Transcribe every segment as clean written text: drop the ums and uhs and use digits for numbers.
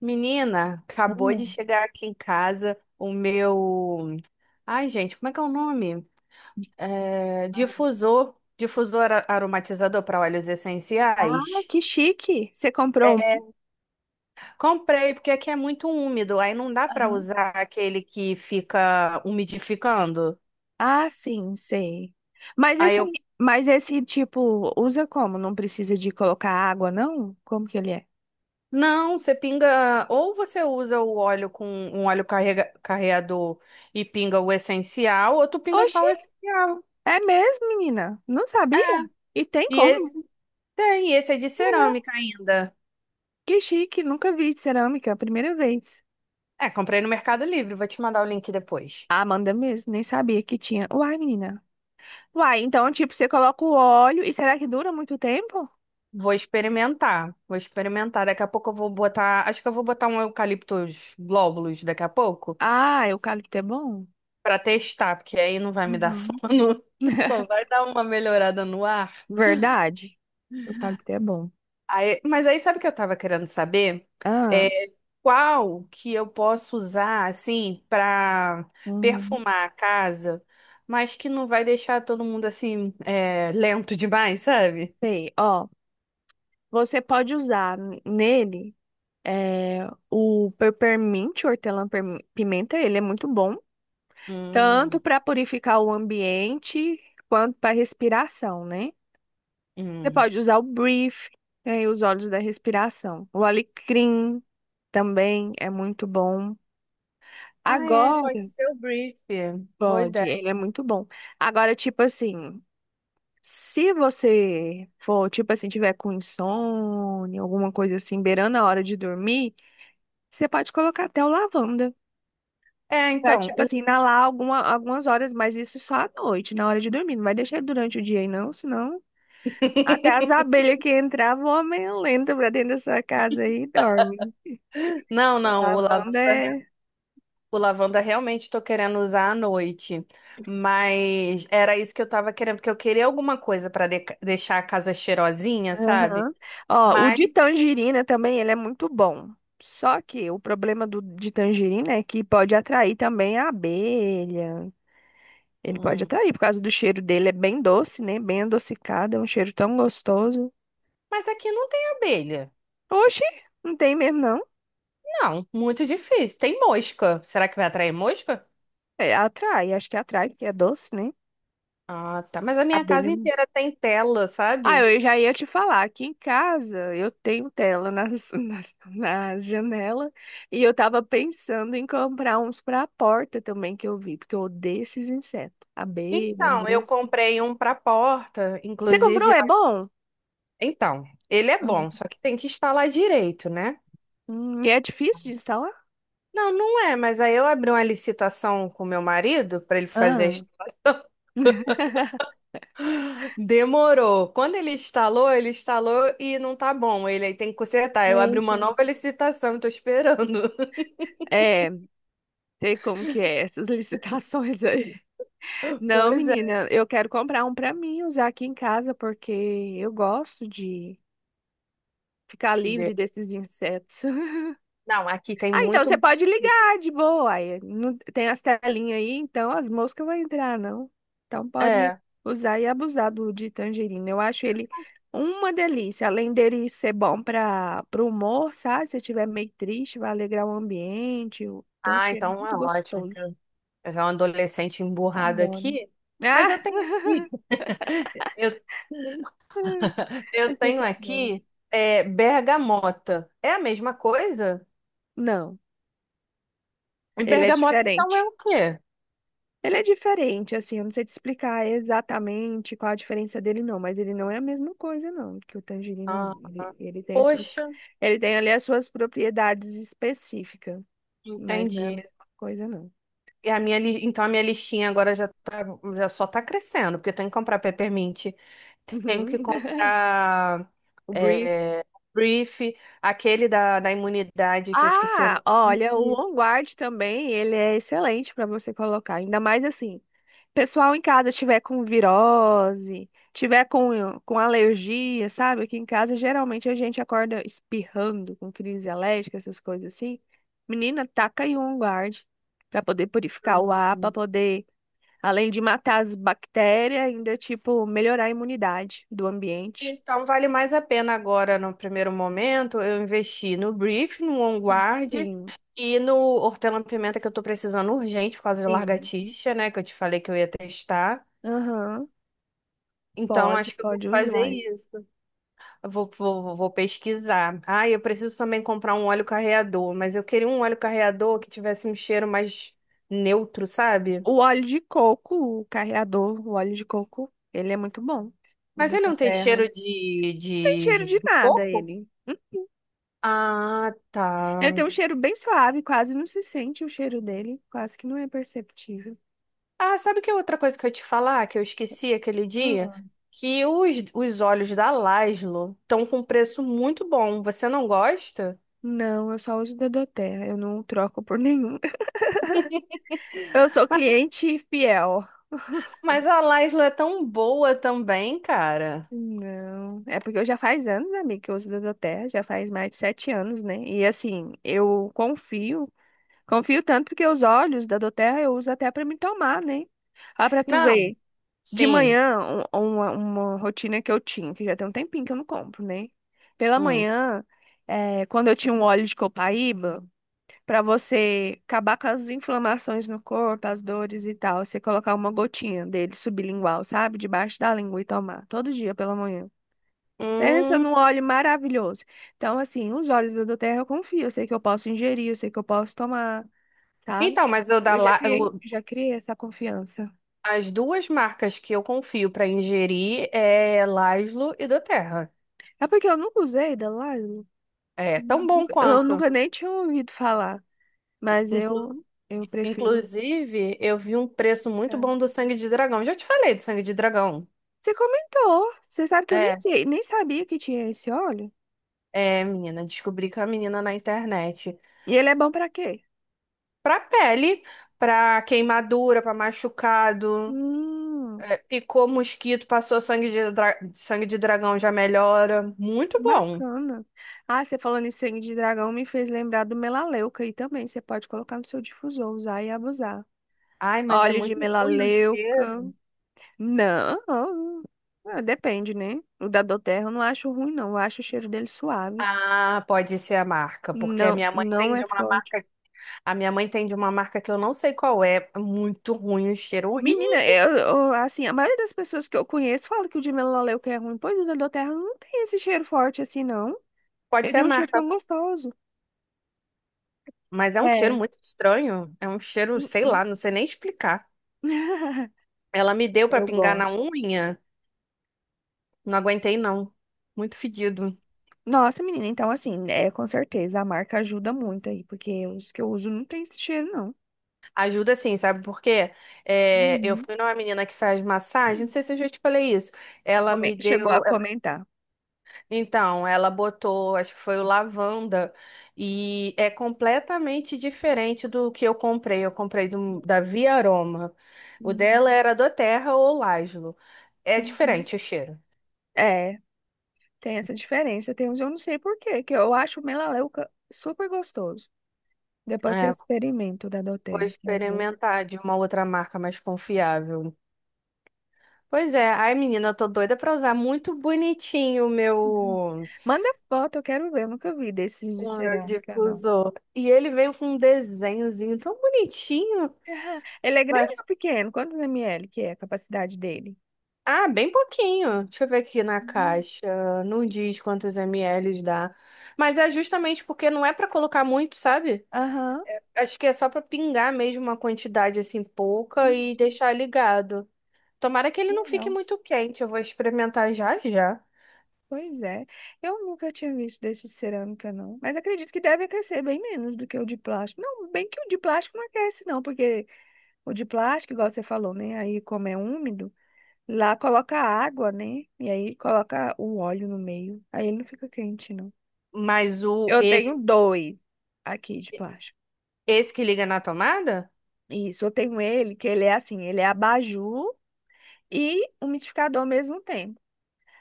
Menina, acabou de Hum. chegar aqui em casa o meu. Ai, gente, como é que é o nome? É, Difusor. Difusor aromatizador para óleos Ah, essenciais. que chique! Você comprou um? É, comprei, porque aqui é muito úmido, aí não dá para Aham. usar aquele que fica umidificando. Ah, sim, sei. Mas Aí esse, eu. mas esse tipo, usa como? Não precisa de colocar água, não? Como que ele é? Não, você pinga. Ou você usa o óleo com um óleo carreador e pinga o essencial, ou tu pinga Oxi, só o essencial. é mesmo, menina? Não É. sabia? E tem E como? esse. Muito Tem, esse é de legal. cerâmica ainda. Que chique, nunca vi cerâmica, primeira vez. É, comprei no Mercado Livre, vou te mandar o link depois. Ah, manda mesmo, nem sabia que tinha. Uai, menina. Uai, então, tipo, você coloca o óleo e será que dura muito tempo? Vou experimentar, vou experimentar. Daqui a pouco eu vou botar, acho que eu vou botar um eucaliptus glóbulos daqui a pouco Ah, eucalipto é bom? pra testar, porque aí não vai me dar Uhum. sono, só vai dar uma melhorada no ar. Verdade. O cacto é bom. Mas aí sabe o que eu tava querendo saber? Ah, É, qual que eu posso usar assim pra uhum, perfumar a casa, mas que não vai deixar todo mundo assim lento demais, sabe? sei. Ó, você pode usar nele, é, o peppermint, o hortelã-pimenta. Ele é muito bom, tanto Hum, para purificar o ambiente quanto para respiração, né? Você hum. pode usar o brief, né, os óleos da respiração. O alecrim também é muito bom. Ah, é, Agora, pode ser o brief. Boa pode, ideia. ele é muito bom. Agora, tipo assim. Se você for, tipo assim, tiver com insônia, alguma coisa assim, beirando a hora de dormir, você pode colocar até o lavanda. É, Pra, então, tipo o- assim, inalar algumas horas, mas isso só à noite, na hora de dormir. Não vai deixar durante o dia aí, não, senão. Até as abelhas que entravam, vão meio lenta pra dentro da sua casa aí e dorme. Não, não, Lavanda é. o lavanda realmente estou querendo usar à noite, mas era isso que eu estava querendo, porque eu queria alguma coisa para deixar a casa cheirosinha, sabe? Aham. Ó, o Mas, de tangerina também, ele é muito bom. Só que o problema de tangerina é que pode atrair também a abelha. Ele pode hum, atrair, por causa do cheiro dele, é bem doce, né? Bem adocicado, é um cheiro tão gostoso. mas aqui não tem abelha. Oxi, não tem mesmo, não. Não, muito difícil. Tem mosca. Será que vai atrair mosca? É, atrai, acho que atrai, porque é doce, né? Ah, tá. Mas a minha Abelha. casa inteira tem tela, Ah, sabe? eu já ia te falar, aqui em casa eu tenho tela nas, nas janelas, e eu tava pensando em comprar uns pra porta também que eu vi, porque eu odeio esses insetos. Abelha, Então, eu mosca. comprei um para porta, Você comprou? inclusive. É bom? Então, ele é bom, Ah. só que tem que instalar direito, né? E é difícil de instalar? Não, não é, mas aí eu abri uma licitação com meu marido para ele fazer. Ah. Demorou. Quando ele instalou e não tá bom. Ele aí tem que consertar. Eu abri uma Eita. nova licitação, tô esperando. É. Sei como que é essas licitações aí. Não, Pois é. menina, eu quero comprar um pra mim usar aqui em casa porque eu gosto de ficar livre De- desses insetos. Não, aqui tem Ah, então muito você pode mosquito. ligar de boa. Aí, tem as telinhas aí, então as moscas vão entrar, não. Então pode É. usar e abusar do de tangerina. Eu acho ele uma delícia. Além dele ser bom para o humor, sabe? Se estiver meio triste, vai alegrar o ambiente. Tem um Ah, cheiro então muito é ótimo. Que gostoso. Eu sou um adolescente emburrado Adoro. aqui, mas Ah. eu tenho aqui. Eu Esse tenho ator é bom. aqui é, bergamota. É a mesma coisa? Não, E ele é bergamota, então, é diferente. o quê? Ele é diferente, assim, eu não sei te explicar exatamente qual a diferença dele, não, mas ele não é a mesma coisa, não, que o tangerina. Ah, Ele, ah. ele tem suas, Poxa, ele tem ali as suas propriedades específicas, mas não é a entendi. mesma coisa, não. E a minha, então, a minha listinha agora já, tá, já só tá crescendo, porque eu tenho que comprar peppermint, tenho que Uhum. comprar O brief. é, brief, aquele da imunidade, que eu esqueci o Ah, olha, o On Guard também, ele é excelente para você colocar, ainda mais assim. Pessoal em casa estiver com virose, tiver com alergia, sabe? Aqui em casa geralmente a gente acorda espirrando, com crise alérgica, essas coisas assim. Menina, taca aí um guarde para poder purificar o ar, para nome. poder, além de matar as bactérias, ainda tipo melhorar a imunidade do ambiente. Então, vale mais a pena agora, no primeiro momento, eu investi no Brief, no On Guard Sim, e no hortelã-pimenta que eu tô precisando urgente por causa de sim. largatixa, né? Que eu te falei que eu ia testar. Aham, Então, pode, acho que eu vou pode fazer usar. isso. Eu vou pesquisar. Ah, eu preciso também comprar um óleo carreador, mas eu queria um óleo carreador que tivesse um cheiro mais neutro, sabe? O óleo de coco, o carreador, o óleo de coco, ele é muito bom, o Mas da ele não tem terra. cheiro de, Tem cheiro de de de nada coco? ele. Hum? Ah, Ele tem tá. um cheiro bem suave, quase não se sente o cheiro dele, quase que não é perceptível. Ah, sabe que é outra coisa que eu ia te falar, que eu esqueci aquele dia? Ah. Que os óleos da Laszlo estão com preço muito bom. Você não gosta? Não, eu só uso Terra, eu não troco por nenhum. Eu sou cliente fiel. Mas a Laszlo é tão boa também, cara. Não, é porque eu já faz anos, amiga, que eu uso Terra, já faz mais de sete anos, né? E assim, eu confio tanto porque os óleos da Terra eu uso até pra me tomar, né? Ó, pra tu Não, ver. De sim. manhã, uma rotina que eu tinha, que já tem um tempinho que eu não compro, né? Pela Hum. manhã, quando eu tinha um óleo de copaíba, pra você acabar com as inflamações no corpo, as dores e tal, você colocar uma gotinha dele sublingual, sabe? Debaixo da língua e tomar, todo dia pela manhã. Pensa Hum. num óleo maravilhoso. Então, assim, os óleos da Doterra eu confio, eu sei que eu posso ingerir, eu sei que eu posso tomar, sabe? Então, mas eu da Eu já La- criei, o- já criei essa confiança. as duas marcas que eu confio para ingerir é Laszlo e Doterra. É porque eu nunca usei da lá. É tão bom Eu quanto. nunca nem tinha ouvido falar, mas Inclu- eu prefiro. Inclusive, eu vi um preço muito Tá. bom do sangue de dragão. Já te falei do sangue de dragão. Você comentou. Você sabe que eu nem É. sei, nem sabia que tinha esse óleo. É, menina, descobri que é a menina na internet. E ele é bom pra quê? Pra pele, pra queimadura, pra machucado, Hum, é, picou mosquito, passou sangue sangue de dragão, já melhora. Muito bom. bacana. Ah, você falando em sangue de dragão me fez lembrar do melaleuca aí também. Você pode colocar no seu difusor, usar e abusar. Ai, mas é Óleo de muito ruim o melaleuca. cheiro. Não, ah, depende, né? O da Doterra eu não acho ruim, não. Eu acho o cheiro dele suave. Ah, pode ser a marca, porque Não, não é forte. A minha mãe tem de uma marca que eu não sei qual é. É muito ruim o cheiro, Menina, horrível. Assim, a maioria das pessoas que eu conheço fala que o de melaleuca é ruim, pois o da Doterra não tem esse cheiro forte assim, não. Pode ser Ele é a um cheiro marca, tão gostoso. mas é um cheiro É. muito estranho, é um cheiro, sei hum. lá, não sei nem explicar. Ela me deu pra Eu pingar na gosto. unha. Não aguentei, não. Muito fedido. Nossa, menina, então assim, é com certeza a marca ajuda muito aí, porque os que eu uso não tem esse cheiro, não. Ajuda sim, sabe por quê? É, eu Uhum. fui numa menina que faz massagem, não sei se eu já te falei isso. Ela me Chegou a deu. comentar. Então, ela botou, acho que foi o lavanda, e é completamente diferente do que eu comprei. Eu comprei da Via Aroma. O Uhum, dela era doTERRA ou Lajlo. É uhum. diferente o cheiro. É, tem essa diferença. Tem uns, eu não sei por quê, que eu acho o melaleuca super gostoso. Depois você É, experimenta o da vou Doterra, que às vezes. experimentar de uma outra marca mais confiável. Pois é, ai menina, eu tô doida pra usar muito bonitinho Uhum. Manda foto, eu quero ver. Eu nunca vi desses de o meu cerâmica, não. difusor. E ele veio com um desenhozinho tão bonitinho. Ah, ele é Mas- grande ou pequeno? Quantos ml que é a capacidade dele? Ah, bem pouquinho. Deixa eu ver aqui na Uhum. caixa. Não diz quantos ml dá. Mas é justamente porque não é pra colocar muito, sabe? Aham. Acho que é só pra pingar mesmo uma quantidade assim pouca e Bonitinho. deixar ligado. Tomara que ele não fique Legal. muito quente. Eu vou experimentar já já. Pois é. Eu nunca tinha visto desse de cerâmica, não. Mas acredito que deve aquecer bem menos do que o de plástico. Não, bem que o de plástico não aquece, não, porque o de plástico, igual você falou, né? Aí, como é úmido, lá coloca água, né? E aí coloca o óleo no meio. Aí ele não fica quente, não. Mas Eu tenho dois aqui de plástico. esse que liga na tomada? Isso, eu tenho ele, que ele é assim, ele é abajur e umidificador ao mesmo tempo.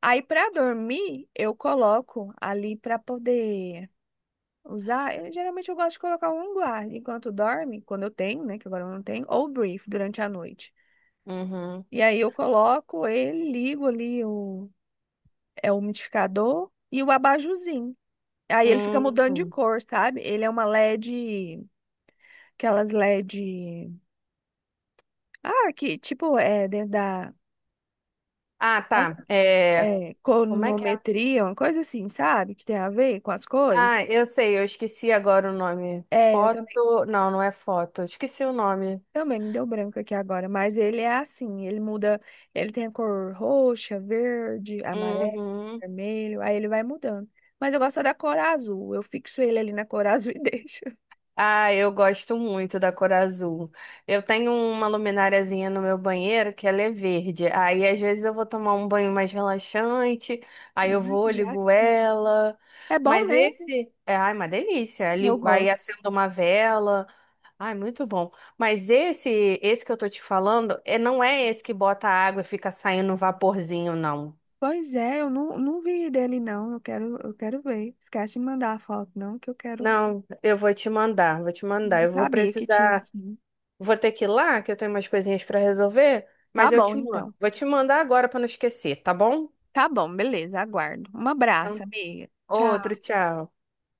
Aí, pra dormir, eu coloco ali pra poder usar. Eu, geralmente eu gosto de colocar um guarda enquanto dorme, quando eu tenho, né, que agora eu não tenho, ou brief durante a noite. Uhum. E aí eu coloco ele, ligo ali o umidificador e o abajurzinho. Aí ele fica mudando de Hum. cor, sabe? Ele é uma LED, aquelas LED. Ah, que tipo, é dentro da Ah, tá. É... Como é que é? conometria, uma coisa assim, sabe? Que tem a ver com as cores. Ah, eu sei, eu esqueci agora o nome. É, eu também, Foto. Não, não é foto. Eu esqueci o nome. também me deu branco aqui agora, mas ele é assim, ele muda, ele tem a cor roxa, verde, amarelo, Uhum. vermelho, aí ele vai mudando. Mas eu gosto da cor azul, eu fixo ele ali na cor azul e deixo. Ah, eu gosto muito da cor azul. Eu tenho uma lumináriazinha no meu banheiro que ela é verde. Aí às vezes eu vou tomar um banho mais relaxante, aí eu Ai, vou, que graça. ligo ela. É bom, Mas né? esse é, ai, uma delícia. Eu Aí gosto. acendo uma vela. Ai, muito bom. Mas esse que eu tô te falando, é, não é esse que bota água e fica saindo um vaporzinho, não. Pois é, eu não vi dele não, eu quero ver. Esquece de mandar a foto não, que eu quero, Não, eu vou te mandar, vou te mandar. nem Eu vou sabia que tinha precisar, assim. vou ter que ir lá, que eu tenho umas coisinhas pra resolver, Tá mas eu bom, te mando. então. Vou te mandar agora pra não esquecer, tá bom? Tá bom, beleza, aguardo. Um abraço, Então, amiga. Tchau. outro, tchau.